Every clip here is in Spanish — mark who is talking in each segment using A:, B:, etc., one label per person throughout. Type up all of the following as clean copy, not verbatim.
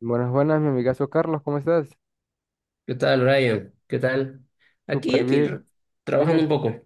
A: Buenas, buenas, mi amigazo Carlos, ¿cómo estás?
B: ¿Qué tal, Ryan? ¿Qué tal? Aquí,
A: Súper
B: aquí,
A: bien,
B: r- Trabajando
A: dime.
B: un poco.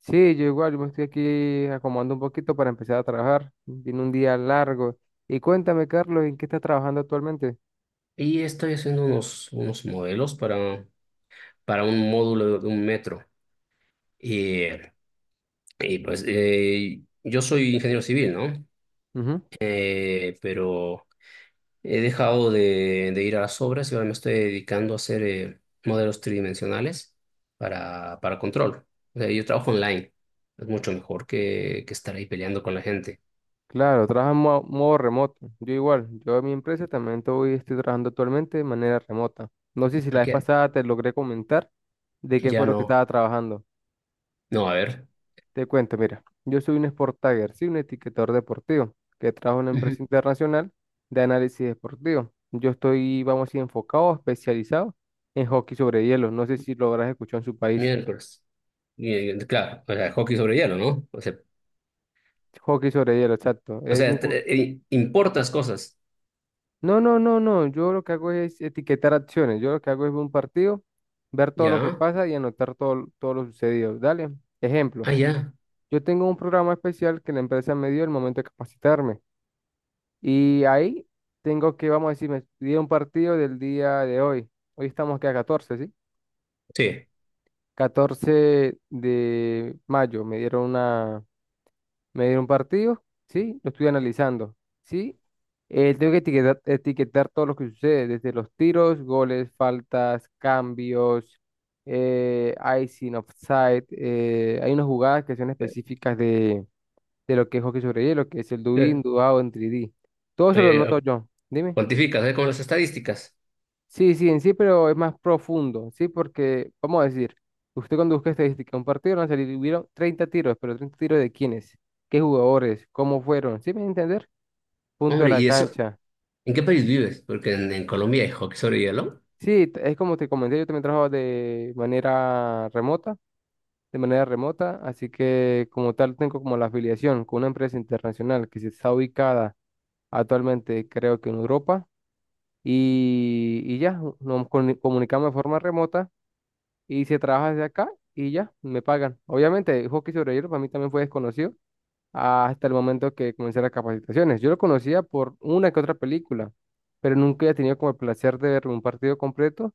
A: Sí, yo igual, yo me estoy aquí acomodando un poquito para empezar a trabajar. Tiene un día largo. Y cuéntame, Carlos, ¿en qué estás trabajando actualmente?
B: Y estoy haciendo unos modelos para un módulo de un metro. Y, y pues yo soy ingeniero civil, ¿no?
A: Ujú.
B: Pero he dejado de ir a las obras y ahora me estoy dedicando a hacer modelos tridimensionales, para control. O sea, yo trabajo online. Es mucho mejor que estar ahí peleando con la gente.
A: Claro, trabajo en modo remoto. Yo igual, yo en mi empresa también estoy trabajando actualmente de manera remota. No sé si la
B: ¿A
A: vez
B: qué?
A: pasada te logré comentar de qué
B: Ya
A: fue lo que
B: no.
A: estaba trabajando.
B: No, a ver.
A: Te cuento, mira, yo soy un Sport Tagger, sí, un etiquetador deportivo, que trabajo en una empresa internacional de análisis deportivo. Yo estoy, vamos a decir, enfocado, especializado en hockey sobre hielo. No sé si lo habrás escuchado en su país.
B: Miércoles. Claro, o sea, hockey sobre hielo, ¿no? O sea,
A: Hockey sobre hielo, exacto.
B: o
A: Es un
B: sea, tre- eh, importas cosas.
A: No, no, no, no. Yo lo que hago es etiquetar acciones. Yo lo que hago es ver un partido, ver todo lo que
B: Ya.
A: pasa y anotar todo, todo lo sucedido. Dale, ejemplo.
B: Ah, ya.
A: Yo tengo un programa especial que la empresa me dio el momento de capacitarme. Y ahí tengo que, vamos a decir, me dieron un partido del día de hoy. Hoy estamos que a 14, ¿sí?
B: Sí.
A: Catorce de mayo me dieron una, me dieron un partido, ¿sí? Lo estoy analizando, ¿sí? Tengo que etiquetar, todo lo que sucede, desde los tiros, goles, faltas, cambios, eh, icing, offside. Hay unas jugadas que son específicas de lo que es hockey sobre hielo, que es el do
B: Eh,
A: in, do out, en 3D. Todo eso lo
B: eh,
A: noto yo. Dime.
B: cuantificas, ¿eh? Con las estadísticas.
A: Sí, sí, en sí, pero es más profundo, ¿sí? Porque, vamos a decir, usted cuando busca estadística, un partido van a salir, hubieron 30 tiros, pero 30 tiros de quiénes, qué jugadores, cómo fueron, ¿sí me voy a entender? Punto de
B: Hombre,
A: la
B: ¿y eso?
A: cancha.
B: ¿En qué país vives? Porque en Colombia hay hockey sobre hielo.
A: Sí, es como te comenté, yo también trabajo de manera remota, así que como tal tengo como la afiliación con una empresa internacional que se está ubicada actualmente, creo que en Europa, y ya, nos comunicamos de forma remota y se trabaja desde acá y ya, me pagan. Obviamente, hockey sobre hielo para mí también fue desconocido hasta el momento que comencé las capacitaciones. Yo lo conocía por una que otra película, pero nunca he tenido como el placer de ver un partido completo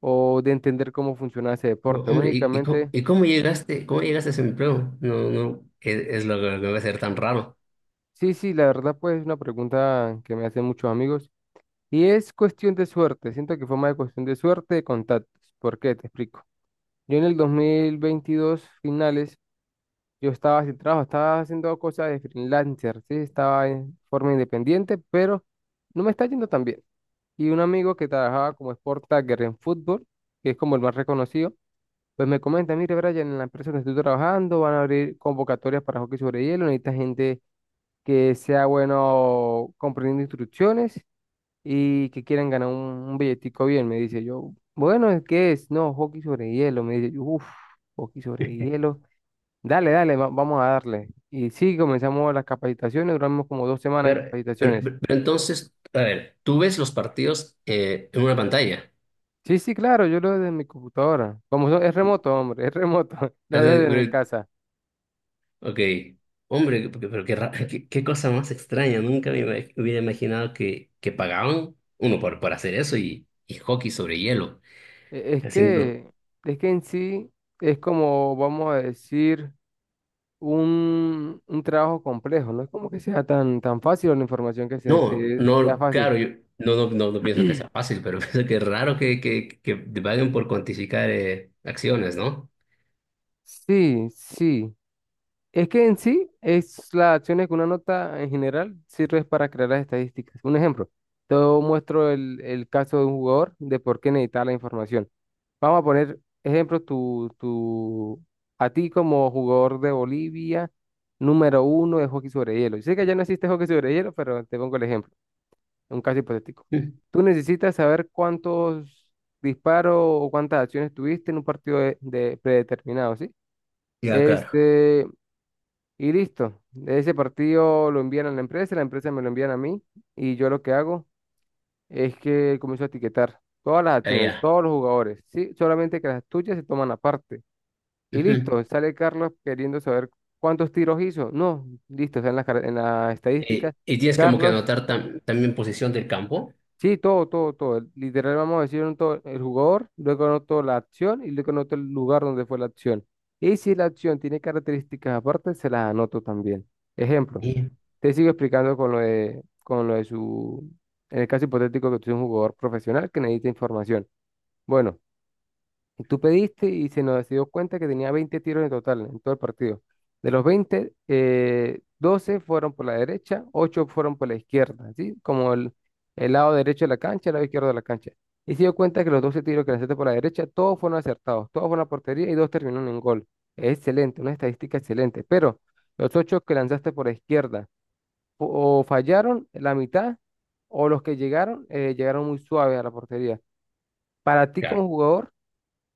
A: o de entender cómo funcionaba ese
B: No,
A: deporte.
B: hombre, ¿y y, cómo,
A: Únicamente.
B: y cómo llegaste? ¿Cómo llegaste a ese empleo? No, no, es lo que me va a ser tan raro.
A: Sí, sí, la verdad, pues es una pregunta que me hacen muchos amigos y es cuestión de suerte. Siento que fue más de cuestión de suerte de contactos. ¿Por qué? Te explico. Yo en el 2022 finales. Yo estaba sin trabajo, estaba haciendo cosas de freelancer, sí, estaba en forma independiente, pero no me está yendo tan bien. Y un amigo que trabajaba como sport tagger en fútbol, que es como el más reconocido, pues me comenta: mire, Brian, en la empresa donde estoy trabajando van a abrir convocatorias para hockey sobre hielo, necesita gente que sea bueno comprendiendo instrucciones y que quieran ganar un, billetico bien, me dice yo. Bueno, ¿qué es? No, hockey sobre hielo, me dice yo, uff, hockey sobre hielo. Dale, dale, vamos a darle. Y sí, comenzamos las capacitaciones, duramos como 2 semanas en
B: Pero, pero-
A: capacitaciones.
B: pero entonces, a ver, tú ves los partidos, en una pantalla.
A: Sí, sí, claro, yo lo veo desde mi computadora. Como es remoto, hombre, es remoto, lo
B: Es
A: veo desde mi
B: de-
A: casa.
B: Ok, hombre, qué cosa más extraña. Nunca hubiera imaginado que pagaban uno por hacer eso, y hockey sobre hielo.
A: E- Es
B: Haciendo.
A: que, es que en sí es como, vamos a decir, un, trabajo complejo, no es como que sea tan, tan fácil o la información que se
B: No,
A: te sea
B: no,
A: fácil.
B: claro, yo no pienso que sea fácil, pero pienso que es raro que te paguen por cuantificar acciones, ¿no?
A: Sí, sí, es que en sí es las acciones que una nota en general sirve para crear las estadísticas. Un ejemplo, te muestro el caso de un jugador de por qué necesita la información. Vamos a poner ejemplo, a ti como jugador de Bolivia, número uno de hockey sobre hielo. Yo sé que ya no existe hockey sobre hielo, pero te pongo el ejemplo, un caso hipotético.
B: Mm.
A: Tú necesitas saber cuántos disparos o cuántas acciones tuviste en un partido de predeterminado, ¿sí?
B: Ya.
A: Este, y listo. Ese partido lo envían a la empresa me lo envían a mí y yo lo que hago es que comienzo a etiquetar todas las
B: Ah,
A: acciones,
B: ya.
A: todos los jugadores, ¿sí? Solamente que las tuyas se toman aparte. Y
B: Ujú.
A: listo, sale Carlos queriendo saber cuántos tiros hizo. No, listo, o sea, en las
B: Eh,
A: estadísticas,
B: y tienes como que
A: Carlos,
B: anotar también posición del campo.
A: sí, todo, todo, todo. Literal, vamos a decir un todo, el jugador, luego anoto la acción y luego anoto el lugar donde fue la acción. Y si la acción tiene características aparte, se las anoto también. Ejemplo.
B: Sí.
A: Te sigo explicando con lo de, su, en el caso hipotético que tú eres un jugador profesional que necesita información. Bueno, tú pediste y se nos dio cuenta que tenía 20 tiros en total en todo el partido. De los 20 12 fueron por la derecha, 8 fueron por la izquierda, ¿sí? Como el lado derecho de la cancha, el lado izquierdo de la cancha. Y se dio cuenta que los 12 tiros que lanzaste por la derecha, todos fueron acertados, todos fueron a portería y dos terminaron en gol. Excelente, una estadística excelente. Pero los 8 que lanzaste por la izquierda, o fallaron la mitad o los que llegaron muy suaves a la portería. Para ti
B: Claro,
A: como jugador,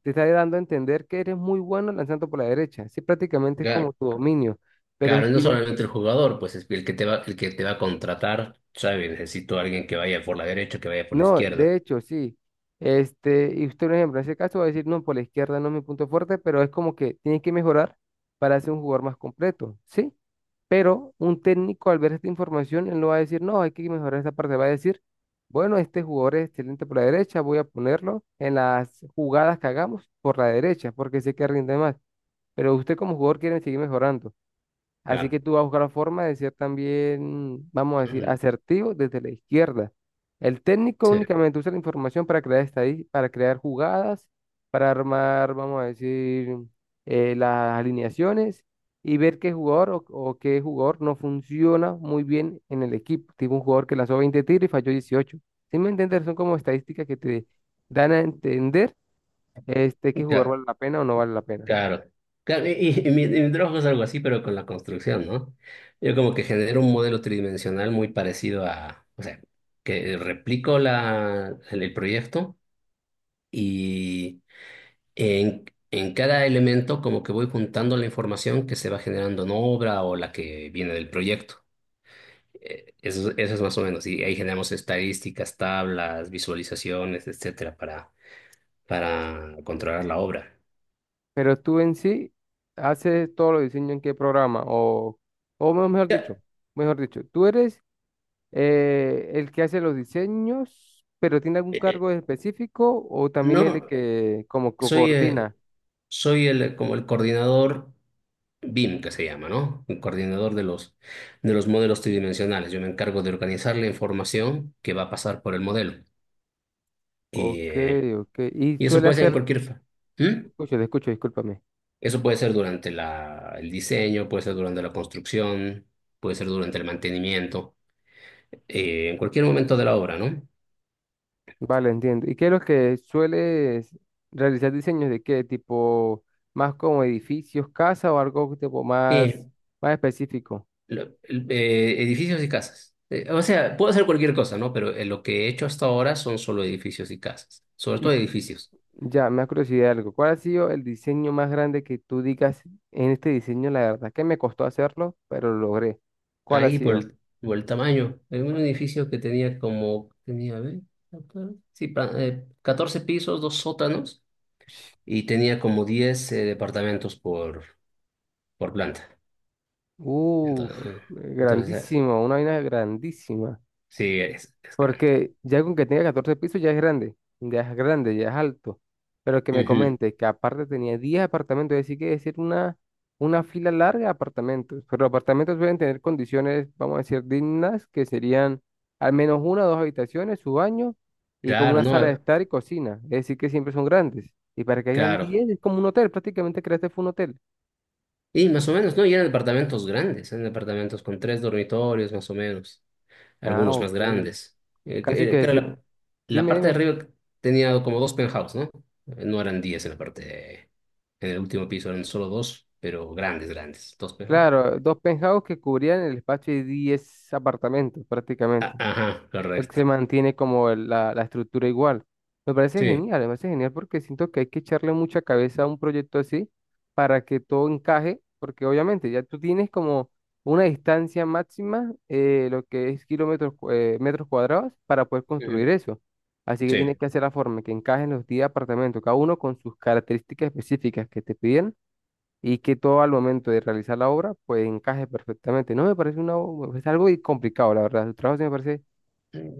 A: te está dando a entender que eres muy bueno lanzando por la derecha. Sí, prácticamente es
B: claro.
A: como tu dominio, pero
B: Claro, y no
A: tienes que.
B: solamente el jugador, pues es el que te va, el que te va a contratar, sabe, necesito a alguien que vaya por la derecha, que vaya por la
A: No,
B: izquierda.
A: de hecho, sí. Este, y usted, por ejemplo, en ese caso va a decir: no, por la izquierda no es mi punto fuerte, pero es como que tiene que mejorar para ser un jugador más completo, ¿sí? Pero un técnico, al ver esta información, él no va a decir: no, hay que mejorar esa parte. Va a decir: bueno, este jugador es excelente por la derecha, voy a ponerlo en las jugadas que hagamos por la derecha, porque sé que rinde más. Pero usted como jugador quiere seguir mejorando. Así que
B: Claro.
A: tú vas a buscar la forma de ser también, vamos a decir,
B: Mm.
A: asertivo desde la izquierda. El técnico
B: Sí.
A: únicamente usa la información para crear jugadas, para armar, vamos a decir, las alineaciones y ver qué jugador o qué jugador no funciona muy bien en el equipo. Tipo un jugador que lanzó 20 tiros y falló 18. ¿Sí me entiendes? Son como estadísticas que te dan a entender este, qué jugador
B: Cla-
A: vale la pena o no vale la pena.
B: Claro. Claro, y mi trabajo es algo así, pero con la construcción, ¿no? Yo como que genero un modelo tridimensional muy parecido a, o sea, que replico el proyecto y en, en cada elemento como que voy juntando la información que se va generando en obra o la que viene del proyecto. Eso es más o menos. Y ahí generamos estadísticas, tablas, visualizaciones, etcétera, para controlar la obra.
A: Pero tú en sí haces todos los diseños en qué programa o, o me- mejor
B: Ya,
A: dicho, mejor dicho, tú eres el que hace los diseños, pero tiene algún
B: eh, eh,
A: cargo específico o también el
B: no,
A: que como que
B: soy, eh,
A: coordina.
B: soy el, como el coordinador BIM, que se llama, ¿no? El coordinador de los modelos tridimensionales. Yo me encargo de organizar la información que va a pasar por el modelo. Y,
A: Ok,
B: eh,
A: ok. Y
B: y eso
A: suele
B: puede ser en
A: hacer,
B: cualquier. ¿Mm?
A: escucho, te escucho, discúlpame.
B: Eso puede ser durante el diseño, puede ser durante la construcción, puede ser durante el mantenimiento. En cualquier momento de la obra, ¿no?
A: Vale, entiendo. ¿Y qué es lo que sueles realizar, diseños de qué tipo, más como edificios, casa o algo tipo
B: Eh,
A: más específico?
B: Edificios y casas. O sea, puedo hacer cualquier cosa, ¿no? Pero lo que he hecho hasta ahora son solo edificios y casas, sobre
A: ¿Y
B: todo edificios.
A: Ya, me ha curiosidad algo. ¿Cuál ha sido el diseño más grande que tú digas: en este diseño, la verdad que me costó hacerlo, pero lo logré? ¿Cuál ha
B: Ahí por
A: sido?
B: el, por el tamaño, en un edificio que tenía, a ver, acá, sí, 14 pisos, dos sótanos,
A: Ush.
B: y tenía como 10 departamentos, por planta.
A: Uf,
B: Entonces, eh, entonces,
A: grandísimo, una vaina grandísima.
B: sí, es grande.
A: Porque ya con que tenga 14 pisos ya es grande, ya es grande, ya es alto. Pero que me
B: Ujú.
A: comente que aparte tenía 10 apartamentos, es decir, que decir una fila larga de apartamentos. Pero los apartamentos deben tener condiciones, vamos a decir, dignas, que serían al menos una o dos habitaciones, su baño y como
B: Claro,
A: una
B: ¿no?
A: sala de estar y cocina. Es decir, que siempre son grandes. Y para que hayan
B: Claro.
A: 10 es como un hotel, prácticamente creaste fue un hotel.
B: Y más o menos, ¿no? Y eran departamentos grandes, eran departamentos con tres dormitorios, más o menos,
A: Ah,
B: algunos más
A: ok.
B: grandes. Eh,
A: Casi
B: que- eh, que
A: que,
B: era la
A: dime,
B: parte de
A: dime.
B: arriba, tenía como dos penthouse, ¿no? No eran 10 en la parte, en el último piso eran solo dos, pero grandes, grandes, dos penthouse.
A: Claro, dos penthouse que cubrían el espacio de 10 apartamentos
B: Ah,
A: prácticamente.
B: ajá,
A: Pues
B: correcto.
A: se mantiene como la estructura igual.
B: Sí.
A: Me parece genial porque siento que hay que echarle mucha cabeza a un proyecto así para que todo encaje, porque obviamente ya tú tienes como una distancia máxima, lo que es kilómetros, metros cuadrados, para poder
B: Ujú.
A: construir eso. Así que tienes
B: Sí.
A: que hacer la forma que encajen los 10 apartamentos, cada uno con sus características específicas que te piden y que todo al momento de realizar la obra pues encaje perfectamente. No me parece algo y complicado, la verdad. Su trabajo sí me parece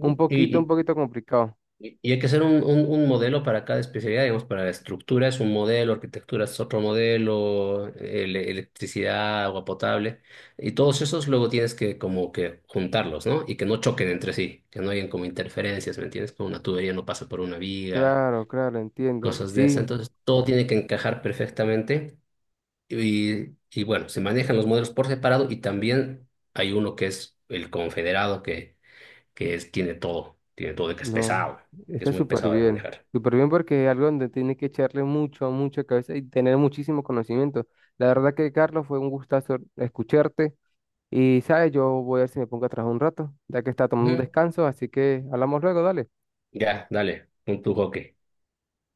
A: un
B: y-
A: poquito complicado.
B: y hay que hacer un, un modelo para cada especialidad, digamos, para la estructura es un modelo, arquitectura es otro modelo, electricidad, agua potable, y todos esos luego tienes que como que juntarlos, ¿no? Y que no choquen entre sí, que no hayan como interferencias, ¿me entiendes? Como una tubería no pasa por una viga,
A: Claro, claro, entiendo.
B: cosas de esas.
A: Sí,
B: Entonces todo tiene que encajar perfectamente, y bueno, se manejan los modelos por separado y también hay uno que es el confederado que es, tiene todo, que es
A: no,
B: pesado, que es
A: está
B: muy
A: súper
B: pesado de
A: bien.
B: manejar.
A: Súper bien porque es algo donde tiene que echarle mucho, mucha cabeza y tener muchísimo conocimiento. La verdad que, Carlos, fue un gustazo escucharte. Y, ¿sabes? Yo voy a ver si me pongo a trabajar un rato, ya que está tomando un
B: Ujú.
A: descanso, así que hablamos luego, dale.
B: Ya, dale, con tu hockey.